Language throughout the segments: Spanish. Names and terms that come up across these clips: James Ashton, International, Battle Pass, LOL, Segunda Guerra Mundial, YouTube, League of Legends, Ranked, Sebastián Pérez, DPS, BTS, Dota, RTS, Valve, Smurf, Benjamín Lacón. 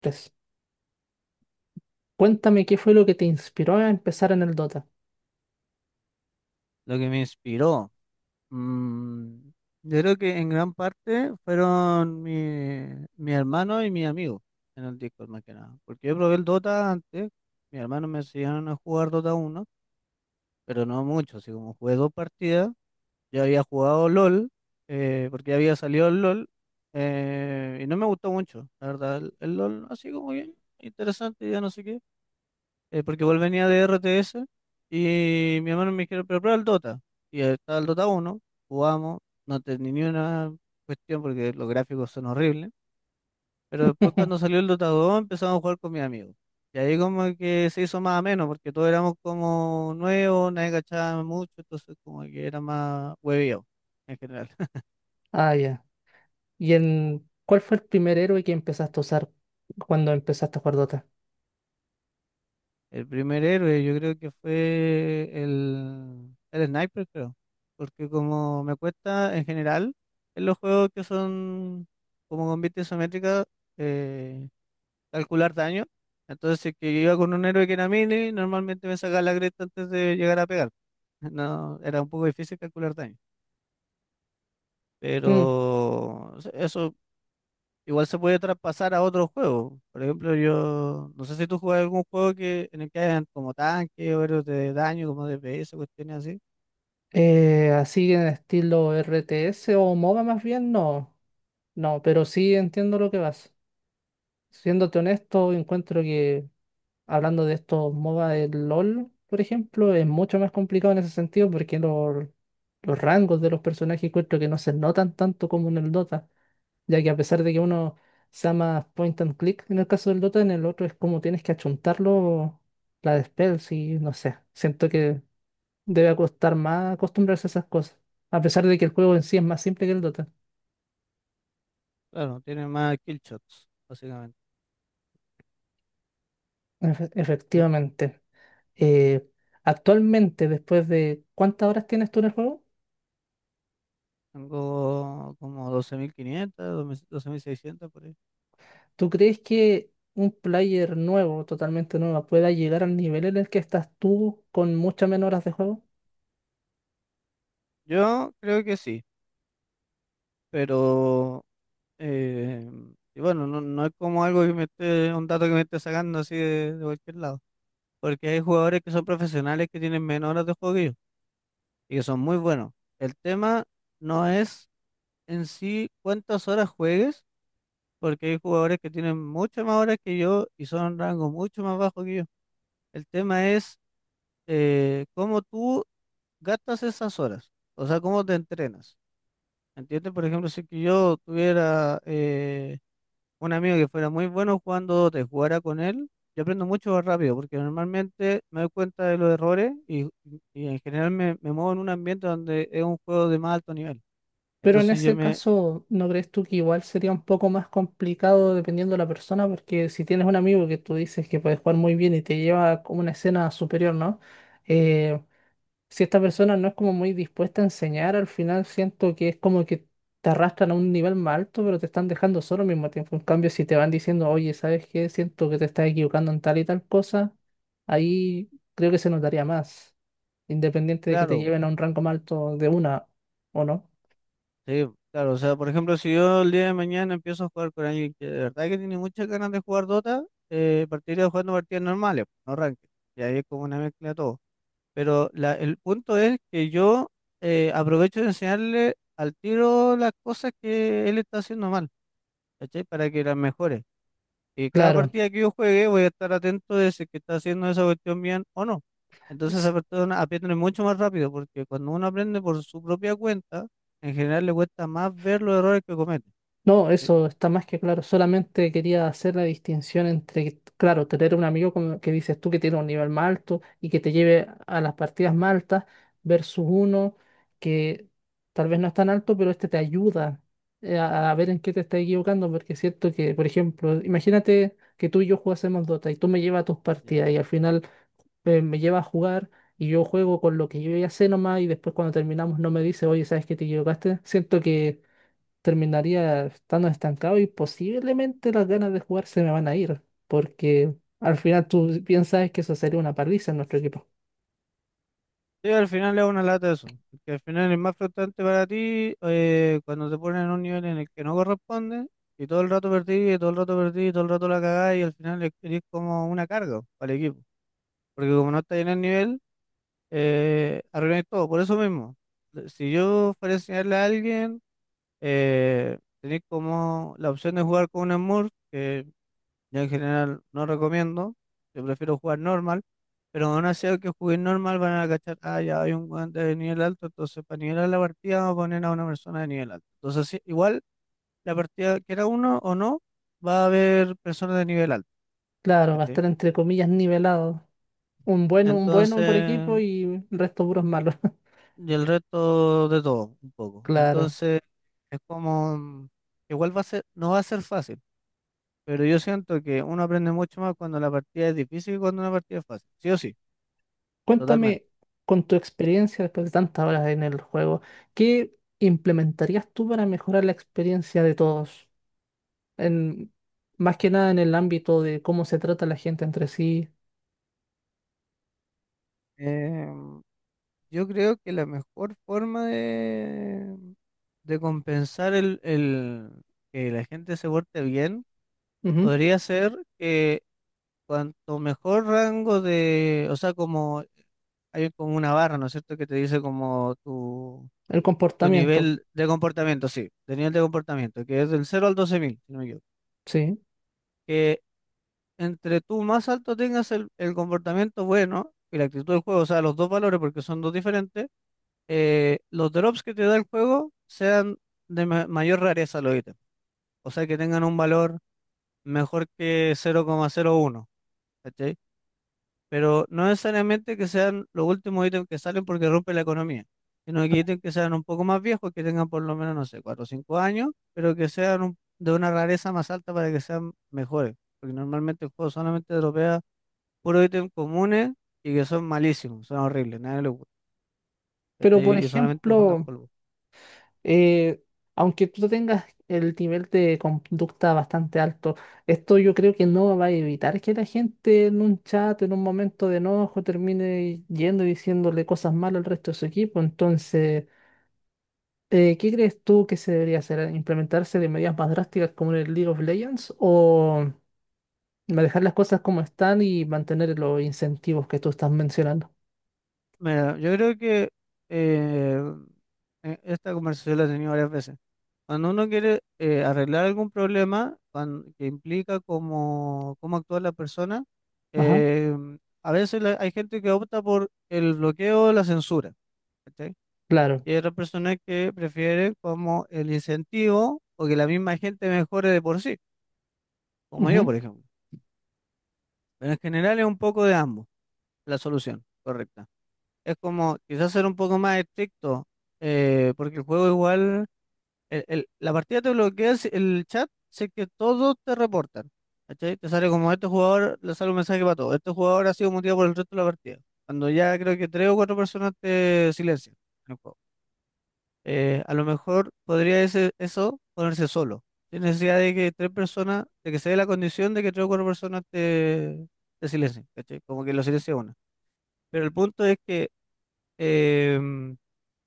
Tres. Cuéntame qué fue lo que te inspiró a empezar en el Dota. Lo que me inspiró, mm, yo creo que en gran parte fueron mi hermano y mi amigo en el Discord más que nada. Porque yo probé el Dota antes, mis hermanos me enseñaron a jugar Dota 1 pero no mucho, así como jugué dos partidas, yo había jugado LOL, porque había salido el LOL, y no me gustó mucho, la verdad, el LOL así como bien, interesante, ya no sé qué. Porque igual venía de RTS y mi hermano me dijeron, pero prueba el Dota. Y ahí estaba el Dota 1, jugamos, no tenía ni una cuestión porque los gráficos son horribles. Pero después cuando salió el Dota 2 empezamos a jugar con mis amigos. Y ahí como que se hizo más ameno porque todos éramos como nuevos, nadie cachaba mucho, entonces como que era más hueveo en general. Ah, ya. ¿Y en cuál fue el primer héroe que empezaste a usar cuando empezaste a jugar Dota? El primer héroe, yo creo que fue el sniper, creo. Porque como me cuesta en general, en los juegos que son como con vista isométrica, eh, calcular daño. Entonces, si es que iba con un héroe que era melee, normalmente me sacaba la cresta antes de llegar a pegar. No, era un poco difícil calcular daño. Mm, Pero eso igual se puede traspasar a otros juegos. Por ejemplo, yo no sé si tú juegas algún juego que en el que hayan como tanque o héroes de daño, como DPS, cuestiones así. Así en estilo RTS o MOBA más bien, no. No, pero sí entiendo lo que vas. Siéndote honesto, encuentro que hablando de estos MOBA del LOL, por ejemplo, es mucho más complicado en ese sentido porque los rangos de los personajes encuentro que no se notan tanto como en el Dota, ya que a pesar de que uno sea más point and click en el caso del Dota, en el otro es como tienes que achuntarlo la de spells y no sé, siento que debe costar más acostumbrarse a esas cosas, a pesar de que el juego en sí es más simple que el Dota. Claro, tiene más kill shots, básicamente. El- Efectivamente. Eh, Actualmente, después de ¿cuántas horas tienes tú en el juego? Tengo como 12.500, 12.600 por ahí. ¿Tú crees que un player nuevo, totalmente nuevo, pueda llegar al nivel en el que estás tú con muchas menos horas de juego? Yo creo que sí, pero eh, y bueno, no, no es como algo que me esté, un dato que me esté sacando así de cualquier lado. Porque hay jugadores que son profesionales que tienen menos horas de juego que yo y que son muy buenos. El tema no es en sí cuántas horas juegues, porque hay jugadores que tienen muchas más horas que yo y son rangos mucho más bajos que yo. El tema es cómo tú gastas esas horas, o sea, cómo te entrenas. ¿Entiendes? Por ejemplo, si que yo tuviera un amigo que fuera muy bueno jugando te jugara con él, yo aprendo mucho más rápido, porque normalmente me doy cuenta de los errores y en general me muevo en un ambiente donde es un juego de más alto nivel. Pero en Entonces yo ese me, caso, ¿no crees tú que igual sería un poco más complicado dependiendo de la persona? Porque si tienes un amigo que tú dices que puede jugar muy bien y te lleva como una escena superior, ¿no? Eh, si esta persona no es como muy dispuesta a enseñar, al final siento que es como que te arrastran a un nivel más alto, pero te están dejando solo al mismo tiempo. En cambio, si te van diciendo, oye, ¿sabes qué? Siento que te estás equivocando en tal y tal cosa, ahí creo que se notaría más, independiente de que te claro. lleven a un rango más alto de una o no. Sí, claro, o sea, por ejemplo, si yo el día de mañana empiezo a jugar con alguien que de verdad que tiene muchas ganas de jugar Dota, partiría jugando partidas normales, pues, no ranked, y ahí es como una mezcla de todo. Pero el punto es que yo aprovecho de enseñarle al tiro las cosas que él está haciendo mal, ¿cachai? Para que las mejore. Y cada Claro. partida que yo juegue voy a estar atento de si es que está haciendo esa cuestión bien o no. Entonces esa persona aprende mucho más rápido porque cuando uno aprende por su propia cuenta, en general le cuesta más ver los errores que comete. No, ¿Sí? eso está más que claro. Solamente quería hacer la distinción entre, claro, tener un amigo como que dices tú que tiene un nivel más alto y que te lleve a las partidas más altas versus uno que tal vez no es tan alto, pero este te ayuda, a ver en qué te estás equivocando, porque es cierto que, por ejemplo, imagínate que tú y yo jugásemos Dota y tú me llevas a tus Ya. partidas y al final me llevas a jugar y yo juego con lo que yo ya sé nomás y después cuando terminamos no me dice, oye, ¿sabes qué te equivocaste? Siento que terminaría estando estancado y posiblemente las ganas de jugar se me van a ir, porque al final tú piensas que eso sería una paliza en nuestro equipo. Sí, al final es una lata eso, porque al final es más frustrante para ti cuando te ponen en un nivel en el que no corresponde y todo el rato perdí, y todo el rato perdí, y todo el rato la cagás y al final es, eres como una carga para el equipo, porque como no estás en el nivel, arruináis todo, por eso mismo. Si yo fuera a enseñarle a alguien, tenéis como la opción de jugar con un Smurf, que yo en general no recomiendo, yo prefiero jugar normal, pero aún así aunque jueguen normal van a cachar, ah, ya hay un guante de nivel alto, entonces para nivelar la partida vamos a poner a una persona de nivel alto. Entonces sí, igual la partida, que era uno o no, va a haber personas de nivel alto, Claro, va a ¿cachai? estar entre comillas nivelado. Un bueno por equipo Entonces, y el resto puros malos. y el resto de todo, un poco. Claro. Entonces, es como, igual va a ser, no va a ser fácil, pero yo siento que uno aprende mucho más cuando la partida es difícil que cuando una partida es fácil, sí o sí, totalmente. Cuéntame con tu experiencia después de tantas horas en el juego, ¿qué implementarías tú para mejorar la experiencia de todos? En, Más que nada en el ámbito de cómo se trata la gente entre sí. Eh, yo creo que la mejor forma de compensar el que la gente se porte bien Ujú. podría ser que cuanto mejor rango de, o sea, como hay como una barra, ¿no es cierto?, que te dice como El tu comportamiento, nivel de comportamiento, sí, de nivel de comportamiento, que es del cero al 12.000, si no me equivoco. sí. Que entre tú más alto tengas el comportamiento bueno y la actitud del juego, o sea, los dos valores, porque son dos diferentes, los drops que te da el juego sean de mayor rareza los ítems. O sea, que tengan un valor mejor que 0,01, pero no necesariamente que sean los últimos ítems que salen porque rompe la economía, sino que ítems que sean un poco más viejos, que tengan por lo menos, no sé, 4 o 5 años, pero que sean un- de una rareza más alta para que sean mejores, porque normalmente el juego solamente dropea puros ítems comunes y que son malísimos, son horribles, nadie le gusta, Pero, por ¿cachai? Y solamente juntan ejemplo, polvo. eh, aunque tú tengas el nivel de conducta bastante alto, esto yo creo que no va a evitar que la gente en un chat, en un momento de enojo, termine yendo y diciéndole cosas malas al resto de su equipo. Entonces, ¿qué crees tú que se debería hacer? ¿Implementarse de medidas más drásticas como en el League of Legends o manejar las cosas como están y mantener los incentivos que tú estás mencionando? Mira, yo creo que eh, esta conversación la he tenido varias veces. Cuando uno quiere arreglar algún problema que implica cómo actúa la persona, Ajá, eh, a veces hay gente que opta por el bloqueo o la censura, ¿cachai? claro. Y hay otras personas que prefieren como el incentivo o que la misma gente mejore de por sí, como yo, por ejemplo. Pero en general es un poco de ambos la solución correcta. Es como quizás ser un poco más estricto, porque el juego igual la partida te bloquea el chat, sé que todos te reportan. ¿Cachai? Te sale como este jugador, le sale un mensaje para todos. Este jugador ha sido muteado por el resto de la partida. Cuando ya creo que tres o cuatro personas te silencian en el juego. A lo mejor podría ese, eso ponerse solo. Sin necesidad de que tres personas, de que se dé la condición de que tres o cuatro personas te silencien. ¿Cachai? Como que lo silencia una. Pero el punto es que em,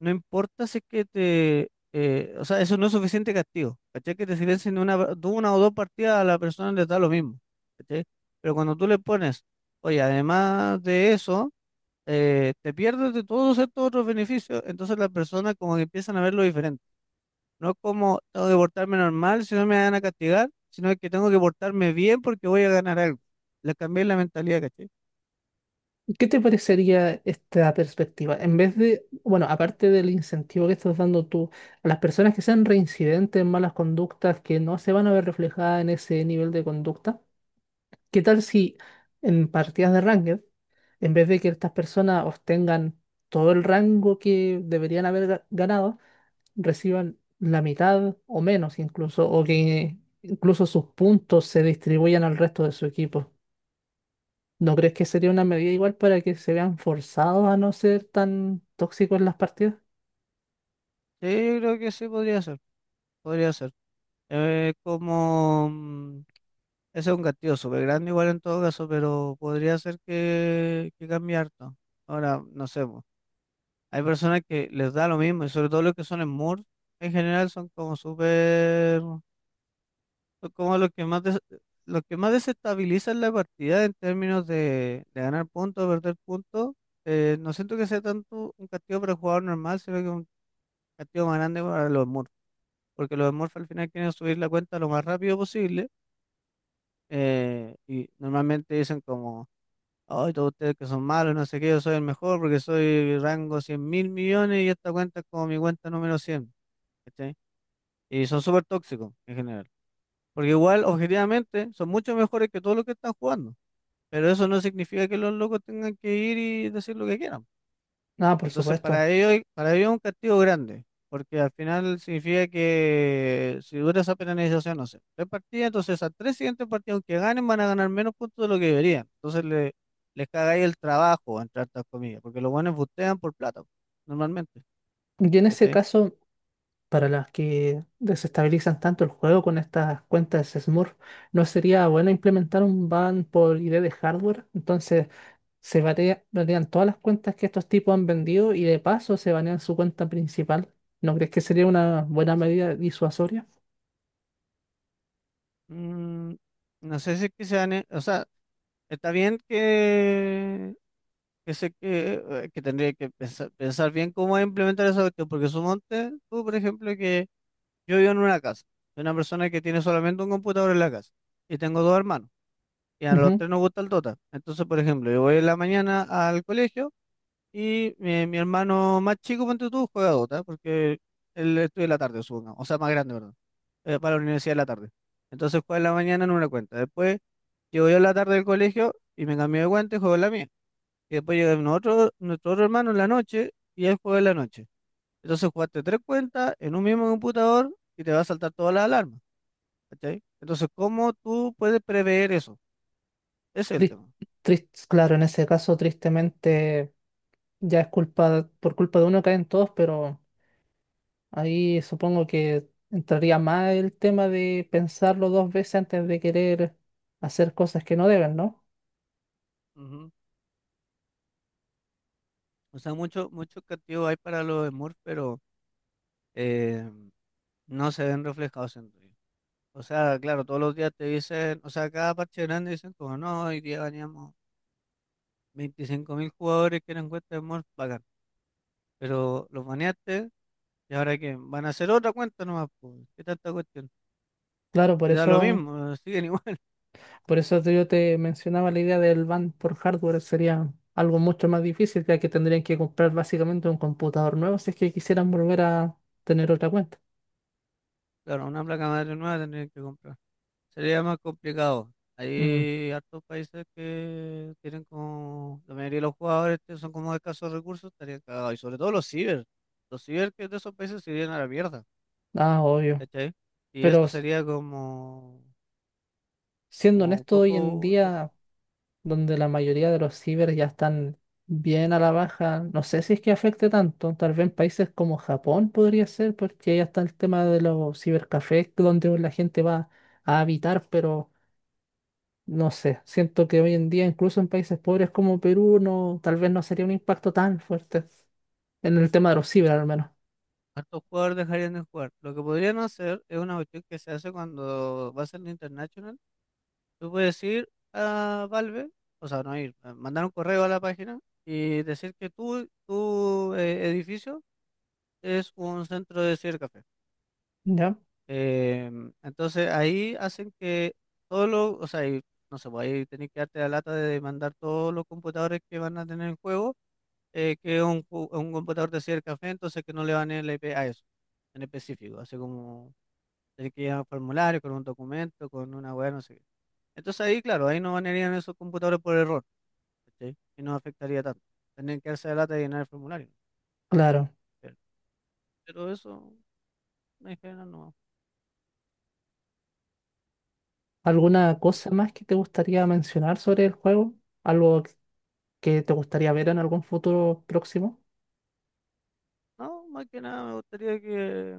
no importa si es que te, o sea, eso no es suficiente castigo, ¿cachai? Que te silencien de una o dos partidas a la persona le da lo mismo, ¿cachai? Pero cuando tú le pones, oye, además de eso, te pierdes de todos estos otros beneficios, entonces las personas como que empiezan a verlo diferente. No es como tengo que portarme normal si no me van a castigar, sino que tengo que portarme bien porque voy a ganar algo. Le cambié la mentalidad, ¿cachai? ¿Qué te parecería esta perspectiva? En vez de, bueno, aparte del incentivo que estás dando tú a las personas que sean reincidentes en malas conductas, que no se van a ver reflejadas en ese nivel de conducta, ¿qué tal si en partidas de Ranked, en vez de que estas personas obtengan todo el rango que deberían haber ganado, reciban la mitad o menos incluso, o que incluso sus puntos se distribuyan al resto de su equipo? ¿No crees que sería una medida igual para que se vean forzados a no ser tan tóxicos en las partidas? Sí, yo creo que sí podría ser, podría ser. Eh, como... mm, Ese es un castillo súper grande igual en todo caso, pero podría ser que cambie harto. Ahora, no sé, po. Hay personas que les da lo mismo, y sobre todo los que son Smurfs, en general son como súper, son como los que más los que más desestabilizan la partida en términos de ganar puntos, perder puntos. No siento que sea tanto un castigo para el jugador normal, sino que un castigo más grande para los Smurfs, porque los Smurfs al final quieren subir la cuenta lo más rápido posible, y normalmente dicen como: Ay, todos ustedes que son malos, no sé qué, yo soy el mejor porque soy rango 100.000.000.000 y esta cuenta es como mi cuenta número cien. ¿Cachai? Y son súper tóxicos en general. Porque igual, objetivamente, son mucho mejores que todos los que están jugando. Pero eso no significa que los locos tengan que ir y decir lo que quieran. Ah, por Entonces, supuesto. Para ellos es un castigo grande, porque al final significa que si dura esa penalización, no sé, tres partidas, entonces esas tres siguientes partidos que ganen, van a ganar menos puntos de lo que deberían. Entonces, les cagáis el trabajo, entre hartas comillas, porque los buenos bustean por plata, normalmente. Y en ese ¿Cachai? caso, para las que desestabilizan tanto el juego con estas cuentas Smurf, ¿no sería bueno implementar un ban por ID de hardware? Entonces se banean todas las cuentas que estos tipos han vendido y de paso se banean su cuenta principal. ¿No crees que sería una buena medida disuasoria? Mm, no sé si es que se gane, o sea, está bien se, que tendría que pensar, pensar bien cómo implementar esa cuestión, porque monte tú, por ejemplo, que yo vivo en una casa. Soy una persona que tiene solamente un computador en la casa. Y tengo dos hermanos. Y a los Ujú. tres nos gusta el Dota. Entonces, por ejemplo, yo voy en la mañana al colegio y mi hermano más chico, ponte tú, juega Dota. Porque él estudia en la tarde, supongo. O sea, más grande, perdón. Para la universidad en la tarde. Entonces juega en la mañana en una cuenta. Después llego yo en la tarde del colegio y me cambio de cuenta y juego en la mía. Y después llega nuestro otro hermano en la noche y él juega en la noche. Entonces jugaste tres cuentas en un mismo computador y te va a saltar todas las alarmas, ¿cachai? Entonces, ¿cómo tú puedes prever eso? Ese es el Tris- tema. Claro, en ese caso, tristemente, ya es culpa, por culpa de uno caen todos, pero ahí supongo que entraría más el tema de pensarlo dos veces antes de querer hacer cosas que no deben, ¿no? Ujú. O sea, mucho, mucho castigo hay para los Smurfs, pero eh, no se ven reflejados en ellos. O sea, claro, todos los días te dicen, o sea, cada parche grande dicen como, no, hoy día baneamos 25 mil jugadores que eran cuentas de Smurf, bacán. Pero los baneaste, ¿y ahora qué? Van a hacer otra cuenta nomás, pues, ¿qué tanta cuestión? Claro, por Si da lo eso, mismo, siguen igual. por eso te- yo te mencionaba la idea del ban por hardware, sería algo mucho más difícil, ya que tendrían que comprar básicamente un computador nuevo si es que quisieran volver a tener otra cuenta. Claro, una placa madre nueva tendrían que comprar. Sería más complicado. Mm, Hay hartos países que tienen como la mayoría de los jugadores que son como de escasos recursos, estarían cagados. Y sobre todo los ciber. Los ciber que de esos países se irían a la mierda. ah, obvio. ¿Cachai? Y Pero eso sería como, siendo como un honesto, hoy en poco, día, donde la mayoría de los ciber ya están bien a la baja. No sé si es que afecte tanto, tal vez en países como Japón podría ser, porque ya está el tema de los cibercafés, donde la gente va a habitar, pero no sé, siento que hoy en día, incluso en países pobres como Perú, no, tal vez no sería un impacto tan fuerte en el tema de los ciber, al menos. hartos jugadores dejarían de jugar. Lo que podrían hacer es una cuestión que se hace cuando vas al International. Tú puedes ir a Valve, o sea, no ir, mandar un correo a la página y decir que tú, tu edificio es un centro de sirve café. ¿Ya? Entonces ahí hacen que todo lo, o sea, y no sé, pues ahí tenéis que darte la lata de mandar todos los computadores que van a tener en juego, que es un, un computador de Cier café, entonces que no le van el IP a eso, en específico, así como tenéis que llenar un formulario con un documento, con una web, no sé qué. Entonces ahí, claro, ahí no banearían esos computadores por error, ¿cachai? Y no afectaría tanto. Tendrían que darse la lata de llenar el formulario. Claro. Pero, pero eso, en general, no. ¿Alguna cosa más que te gustaría mencionar sobre el juego? ¿Algo que te gustaría ver en algún futuro próximo? No, más que nada me gustaría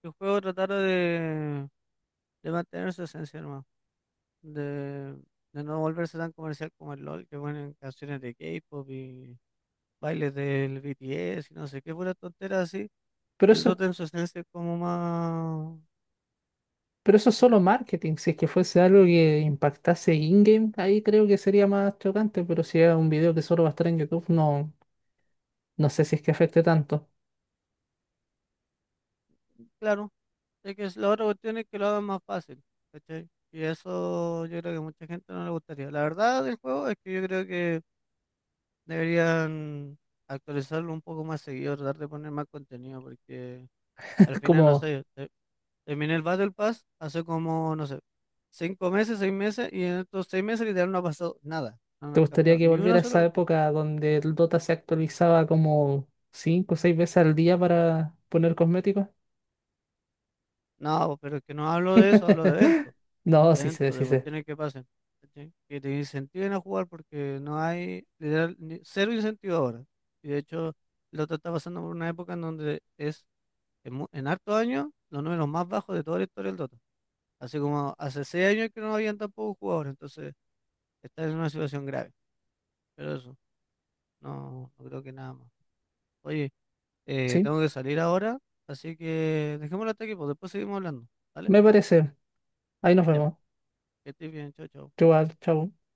que el juego tratara de mantener su esencia nomás, de, de no volverse tan comercial como el LOL, que ponen canciones de K-pop y bailes del BTS y no sé qué, pura tontera así. Pero El eso Dota en su esencia es como más, Pero eso es solo marketing. Si es que fuese algo que impactase in-game, ahí creo que sería más chocante. Pero si es un video que solo va a estar en YouTube, no, no sé si es que afecte tanto. claro, es que la otra cuestión es que lo hagan más fácil, ¿cachai? Y eso yo creo que a mucha gente no le gustaría. La verdad del juego es que yo creo que deberían actualizarlo un poco más seguido, tratar de poner más contenido, porque al final, no como, sé, terminé el Battle Pass hace como, no sé, 5 meses, 6 meses, y en estos 6 meses literal no ha pasado nada. No ha ¿Te gustaría cambiado que ni volviera una a sola esa cuestión. época donde el Dota se actualizaba como 5 o 6 veces al día para poner cosméticos? No, pero es que no hablo de eso, hablo de eventos, No, de sí sé, eventos, sí de sé. cuestiones que pasen, ¿cachai? Que te incentiven a jugar porque no hay, literal, cero incentivo ahora. Y de hecho, el otro está pasando por una época en donde es en hartos años, los números más bajos de toda la historia del Dota. Así como hace 6 años que no habían tampoco jugadores, entonces está en una situación grave. Pero eso, no, no creo que nada más. Oye, Sí, tengo que salir ahora, así que dejémoslo hasta aquí, pues después seguimos hablando. ¿Vale? me parece. Ahí nos Ya, vemos. que estés bien, chao, chao. Igual, chao.